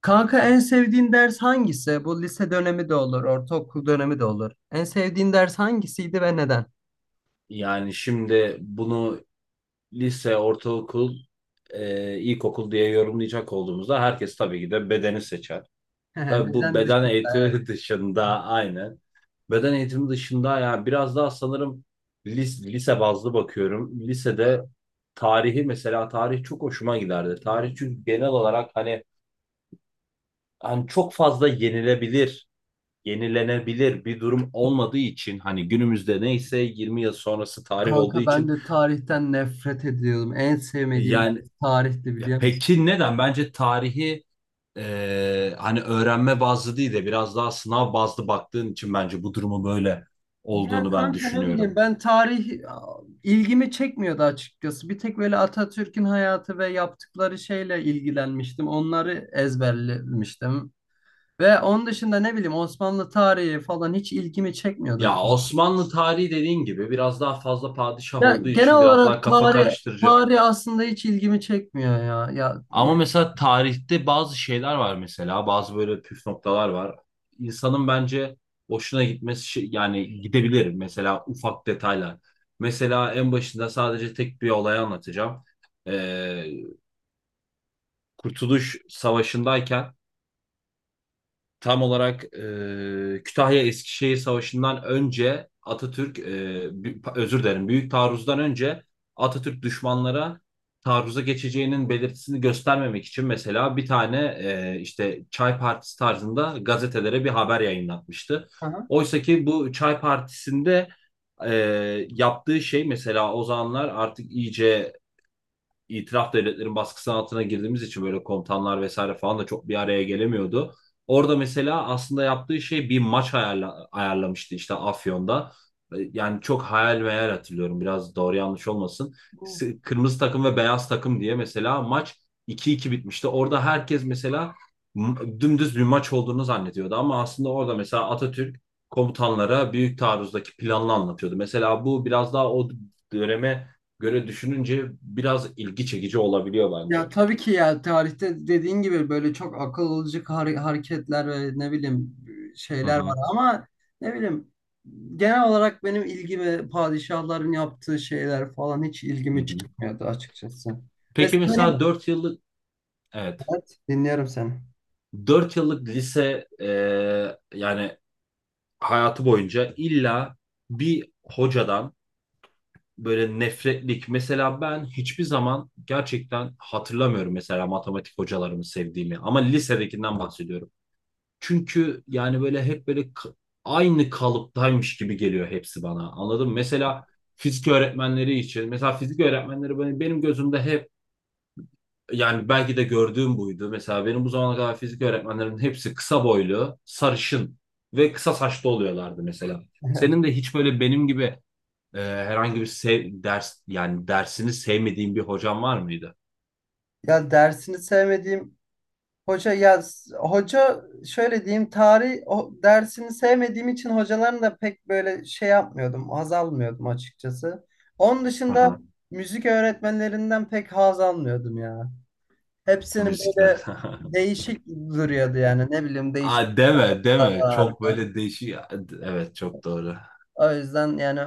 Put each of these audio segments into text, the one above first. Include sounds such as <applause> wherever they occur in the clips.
Kanka, en sevdiğin ders hangisi? Bu lise dönemi de olur, ortaokul dönemi de olur. En sevdiğin ders hangisiydi ve neden? Yani şimdi bunu lise, ortaokul, ilkokul diye yorumlayacak olduğumuzda herkes tabii ki de bedeni seçer. <laughs> Hehe, Tabii bu beden beden dışında. Evet. eğitimi <laughs> dışında aynen. Beden eğitimi dışında yani biraz daha sanırım lise bazlı bakıyorum. Lisede tarihi mesela tarih çok hoşuma giderdi. Tarih çünkü genel olarak hani çok fazla yenilenebilir bir durum olmadığı için hani günümüzde neyse 20 yıl sonrası tarih olduğu Kanka, ben için de tarihten nefret ediyordum. En sevmediğim yani. ders tarihti, biliyor musun? Peki neden? Bence tarihi hani öğrenme bazlı değil de biraz daha sınav bazlı baktığın için bence bu durumu böyle Ya olduğunu ben kanka, ne bileyim, düşünüyorum. ben tarih, ilgimi çekmiyordu açıkçası. Bir tek böyle Atatürk'ün hayatı ve yaptıkları şeyle ilgilenmiştim. Onları ezberlemiştim. Ve onun dışında ne bileyim, Osmanlı tarihi falan hiç ilgimi çekmiyordu. Ya Osmanlı tarihi dediğin gibi biraz daha fazla padişah Ya olduğu genel için biraz daha olarak kafa tarih karıştırıcı. tarih aslında hiç ilgimi çekmiyor ya. Ama mesela tarihte bazı şeyler var, mesela bazı böyle püf noktalar var. İnsanın bence hoşuna gitmesi yani gidebilir, mesela ufak detaylar. Mesela en başında sadece tek bir olay anlatacağım. Kurtuluş Savaşı'ndayken tam olarak Kütahya Eskişehir Savaşı'ndan önce Atatürk, özür dilerim, Büyük Taarruz'dan önce Atatürk düşmanlara taarruza geçeceğinin belirtisini göstermemek için mesela bir tane işte Çay Partisi tarzında gazetelere bir haber yayınlatmıştı. Aha. Oysa ki bu Çay Partisi'nde e, yaptığı şey mesela, o zamanlar artık iyice itilaf devletlerin baskısı altına girdiğimiz için böyle komutanlar vesaire falan da çok bir araya gelemiyordu. Orada mesela aslında yaptığı şey bir maç ayarlamıştı işte Afyon'da. Yani çok hayal meyal hatırlıyorum, biraz doğru yanlış olmasın. bu- Kırmızı takım ve beyaz takım diye mesela maç iki iki bitmişti. Orada herkes mesela dümdüz bir maç olduğunu zannediyordu ama aslında orada mesela Atatürk komutanlara büyük taarruzdaki planını anlatıyordu. Mesela bu biraz daha o döneme göre düşününce biraz ilgi çekici olabiliyor Ya bence. tabii ki, ya tarihte dediğin gibi böyle çok akıl alıcı hareketler ve ne bileyim Hı şeyler var hı. ama ne bileyim, genel olarak benim ilgimi padişahların yaptığı şeyler falan hiç Hı ilgimi hı. çekmiyordu açıkçası. Peki Mesela benim. mesela 4 yıllık, evet, Evet, dinliyorum seni. 4 yıllık lise, yani hayatı boyunca illa bir hocadan böyle nefretlik, mesela ben hiçbir zaman gerçekten hatırlamıyorum mesela matematik hocalarımı sevdiğimi, ama lisedekinden bahsediyorum. Çünkü yani böyle hep böyle aynı kalıptaymış gibi geliyor hepsi bana. Anladın mı? Mesela fizik öğretmenleri için. Mesela fizik öğretmenleri benim gözümde hep, yani belki de gördüğüm buydu. Mesela benim bu zamana kadar fizik öğretmenlerinin hepsi kısa boylu, sarışın ve kısa saçlı oluyorlardı mesela. Senin de <laughs> hiç böyle benim gibi, herhangi bir ders, yani dersini sevmediğin bir hocan var mıydı? Ya dersini sevmediğim hoca. Hoca şöyle diyeyim, tarih o dersini sevmediğim için hocaların da pek böyle şey yapmıyordum, haz almıyordum açıkçası. Onun dışında Aha, müzik öğretmenlerinden pek haz almıyordum ya. Hepsinin müzikler. böyle <laughs> değişik duruyordu, yani ne bileyim değişik Aa, deme tarzları deme. Çok vardı. böyle değişik. Evet, çok doğru. O yüzden yani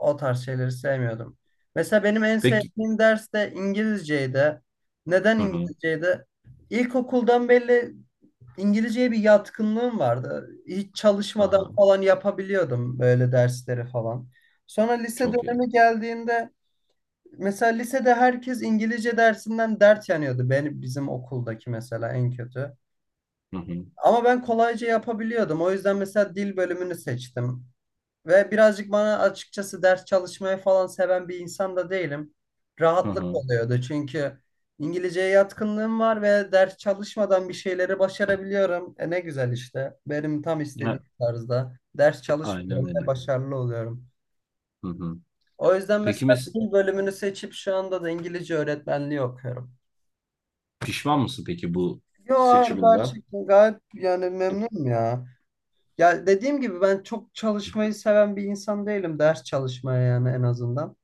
o tarz şeyleri sevmiyordum. Mesela benim en Peki. sevdiğim ders de İngilizceydi. Neden Hı hı. İngilizceydi? İlkokuldan belli İngilizceye bir yatkınlığım vardı. Hiç çalışmadan Aha, falan yapabiliyordum böyle dersleri falan. Sonra lise çok iyi. dönemi geldiğinde mesela lisede herkes İngilizce dersinden dert yanıyordu. Benim bizim okuldaki mesela en kötü. Hı hı. Ama ben kolayca yapabiliyordum. O yüzden mesela dil bölümünü seçtim. Ve birazcık bana açıkçası, ders çalışmayı falan seven bir insan da değilim. Hı Rahatlık hı. oluyordu çünkü İngilizceye yatkınlığım var ve ders çalışmadan bir şeyleri başarabiliyorum. E ne güzel işte. Benim tam istediğim Ha, tarzda. Ders çalışmadan aynen ve öyle. başarılı oluyorum. Hı hı. O yüzden Peki mesela dil bölümünü seçip şu anda da İngilizce öğretmenliği okuyorum. pişman mısın peki bu Yo, seçiminden? gerçekten gayet yani memnunum ya. Ya dediğim gibi ben çok çalışmayı seven bir insan değilim. Ders çalışmaya yani, en azından.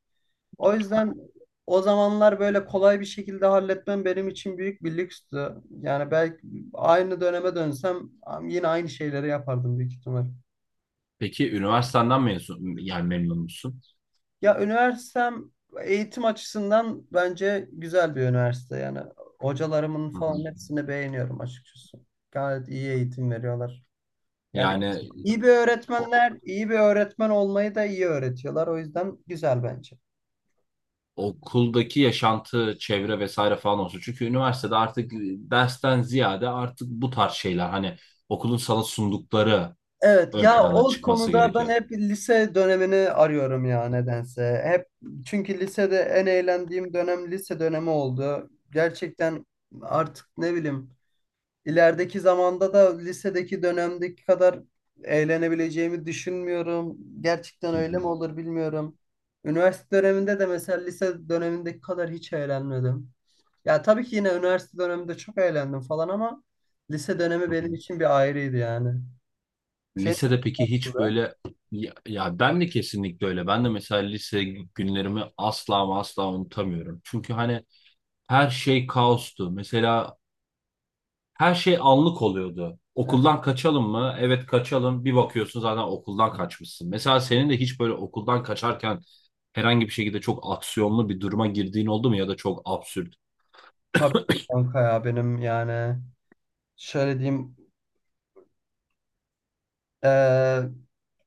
O yüzden o zamanlar böyle kolay bir şekilde halletmem benim için büyük bir lükstü. Yani belki aynı döneme dönsem yine aynı şeyleri yapardım büyük ihtimal. Peki üniversitenden mezun, yani memnun musun? Ya üniversitem eğitim açısından bence güzel bir üniversite. Yani hocalarımın Hı hı. falan hepsini beğeniyorum açıkçası. Gayet iyi eğitim veriyorlar. Yani Yani iyi bir o- öğretmenler, iyi bir öğretmen olmayı da iyi öğretiyorlar. O yüzden güzel bence. okuldaki yaşantı, çevre vesaire falan olsun. Çünkü üniversitede artık dersten ziyade artık bu tarz şeyler, hani okulun sana sundukları Evet ön ya, plana o çıkması konuda ben gerekiyor. hep lise dönemini arıyorum ya nedense. Hep çünkü lisede en eğlendiğim dönem lise dönemi oldu. Gerçekten artık ne bileyim, ilerideki zamanda da lisedeki dönemdeki kadar eğlenebileceğimi düşünmüyorum. Gerçekten Hı öyle mi hı. olur bilmiyorum. Üniversite döneminde de mesela lise dönemindeki kadar hiç eğlenmedim. Ya tabii ki yine üniversite döneminde çok eğlendim falan ama lise dönemi Hı hı. benim için bir ayrıydı yani. Senin Lisede peki hiç nasıldı? böyle ya, ya ben de kesinlikle öyle. Ben de mesela lise günlerimi asla ama asla unutamıyorum. Çünkü hani her şey kaostu. Mesela her şey anlık oluyordu. E, Okuldan kaçalım mı? Evet, kaçalım. Bir bakıyorsun zaten okuldan kaçmışsın. Mesela senin de hiç böyle okuldan kaçarken herhangi bir şekilde çok aksiyonlu bir duruma girdiğin oldu mu, ya da çok absürt? Tabii kanka, ya benim yani şöyle diyeyim, e,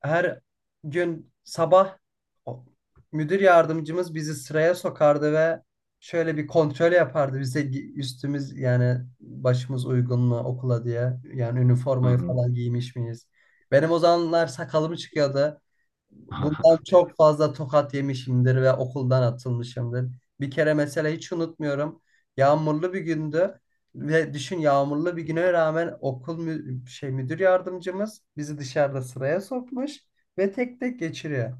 her gün sabah o- müdür yardımcımız bizi sıraya sokardı ve şöyle bir kontrol yapardı bize, üstümüz yani başımız uygun mu okula diye, yani Hı üniformayı hı. falan giymiş miyiz? Benim o zamanlar sakalım çıkıyordu. Bundan <laughs> çok fazla tokat yemişimdir ve okuldan atılmışımdır. Bir kere mesela hiç unutmuyorum. Yağmurlu bir gündü. Ve düşün, yağmurlu bir güne rağmen okul mü şey müdür yardımcımız bizi dışarıda sıraya sokmuş ve tek tek geçiriyor.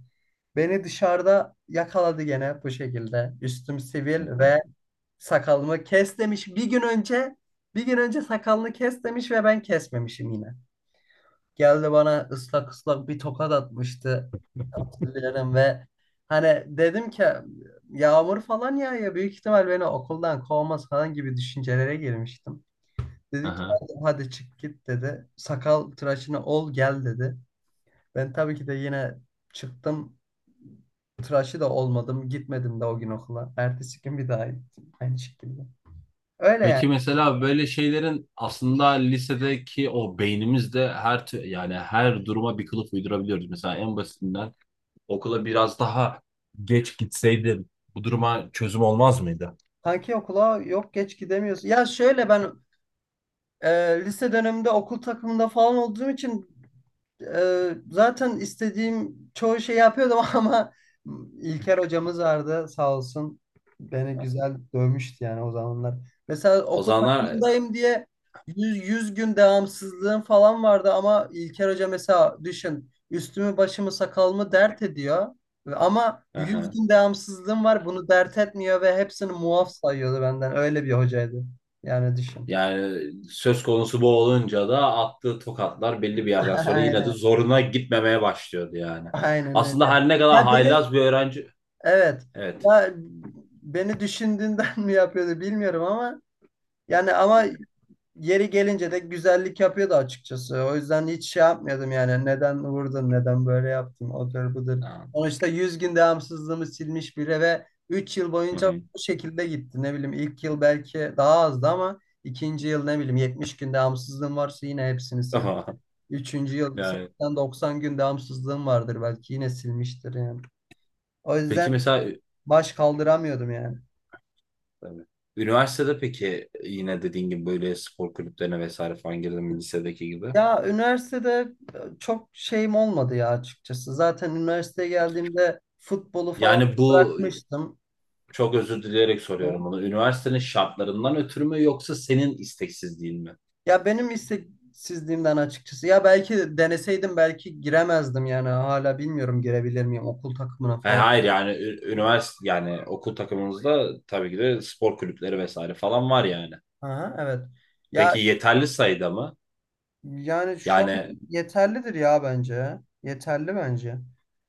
Beni dışarıda yakaladı gene bu şekilde. Üstüm sivil ve sakalımı kes demiş. Bir gün önce sakalını kes demiş ve ben kesmemişim yine. Geldi bana ıslak ıslak bir tokat atmıştı. Hatırlıyorum ve hani dedim ki yağmur falan yağıyor, büyük ihtimal beni okuldan kovmaz falan gibi düşüncelere girmiştim. Dedi ki Aha. hadi, hadi çık git dedi. Sakal tıraşını ol gel dedi. Ben tabii ki de yine çıktım. Tıraşı da olmadım. Gitmedim de o gün okula. Ertesi gün bir daha gittim. Aynı şekilde. Öyle yani. Peki mesela böyle şeylerin aslında lisedeki o beynimizde her yani her duruma bir kılıf uydurabiliyoruz. Mesela en basitinden okula biraz daha geç gitseydim bu duruma çözüm olmaz mıydı? Kanki okula yok, geç gidemiyorsun. Ya şöyle, ben e, lise döneminde okul takımında falan olduğum için zaten istediğim çoğu şeyi yapıyordum <laughs> ama İlker hocamız vardı sağ olsun. Beni güzel dövmüştü yani o zamanlar. Mesela O okul zamanlar takımındayım diye yüz gün devamsızlığım falan vardı ama İlker hoca mesela düşün, üstümü başımı sakalımı dert ediyor. Ama 100 aha. gün devamsızlığım var, bunu dert etmiyor ve hepsini muaf sayıyordu benden. Öyle bir hocaydı. Yani düşün. Yani söz konusu bu olunca da attığı tokatlar belli bir yerden <laughs> sonra yine de Aynen. zoruna gitmemeye başlıyordu yani. Aynen Aslında öyle. her ne kadar Ya benim. haylaz bir öğrenci. Evet. Evet. Ya, beni düşündüğünden <laughs> mi yapıyordu bilmiyorum ama yani, ama yeri gelince de güzellik yapıyordu açıkçası. O yüzden hiç şey yapmıyordum yani. Neden vurdun? Neden böyle yaptın? Odur budur. Tamam. Sonuçta 100 gün devamsızlığımı silmiş biri ve 3 yıl Hı boyunca hı. bu şekilde gitti. Ne bileyim ilk yıl belki daha azdı ama ikinci yıl ne bileyim 70 gün devamsızlığım varsa yine hepsini sildi. <laughs> Üçüncü yıl Yani 80-90 gün devamsızlığım vardır belki yine silmiştir yani. O yüzden peki mesela. baş kaldıramıyordum yani. Tabii. Üniversitede peki yine dediğin gibi böyle spor kulüplerine vesaire falan girdin mi lisedeki gibi? Ya üniversitede çok şeyim olmadı ya açıkçası. Zaten üniversiteye geldiğimde futbolu falan Yani bu bırakmıştım. çok özür dileyerek soruyorum bunu. Üniversitenin şartlarından ötürü mü yoksa senin isteksizliğin mi? Ya benim isteksizliğimden açıkçası. Ya belki deneseydim belki giremezdim yani. Hala bilmiyorum girebilir miyim okul takımına Ha, falan. hayır, yani üniversite, yani okul takımımızda tabii ki de spor kulüpleri vesaire falan var yani. Aha, evet. Ya, Peki yeterli sayıda mı? yani şu an Yani, yeterlidir ya bence. Yeterli bence.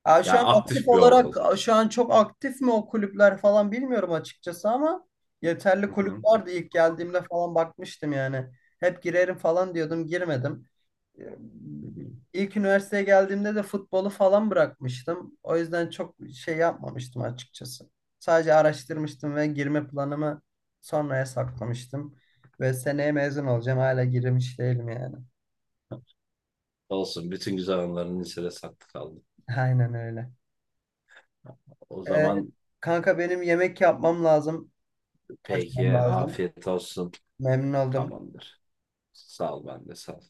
Ya şu an aktif aktif bir okul. olarak, şu an çok aktif mi o kulüpler falan bilmiyorum açıkçası ama yeterli Hı kulüp hı, vardı, ilk geldiğimde falan bakmıştım yani. Hep girerim falan diyordum, girmedim. Ee, hı hı. İlk üniversiteye geldiğimde de futbolu falan bırakmıştım. O yüzden çok şey yapmamıştım açıkçası. Sadece araştırmıştım ve girme planımı sonraya saklamıştım. Ve seneye mezun olacağım. Hala girmiş değilim yani. Olsun, bütün güzel anıların lisede saklı kaldı. Aynen öyle. O Ee, zaman kanka benim yemek yapmam lazım. peki Kaçmam lazım. afiyet olsun. Memnun oldum. Tamamdır. Sağ ol, ben de sağ ol.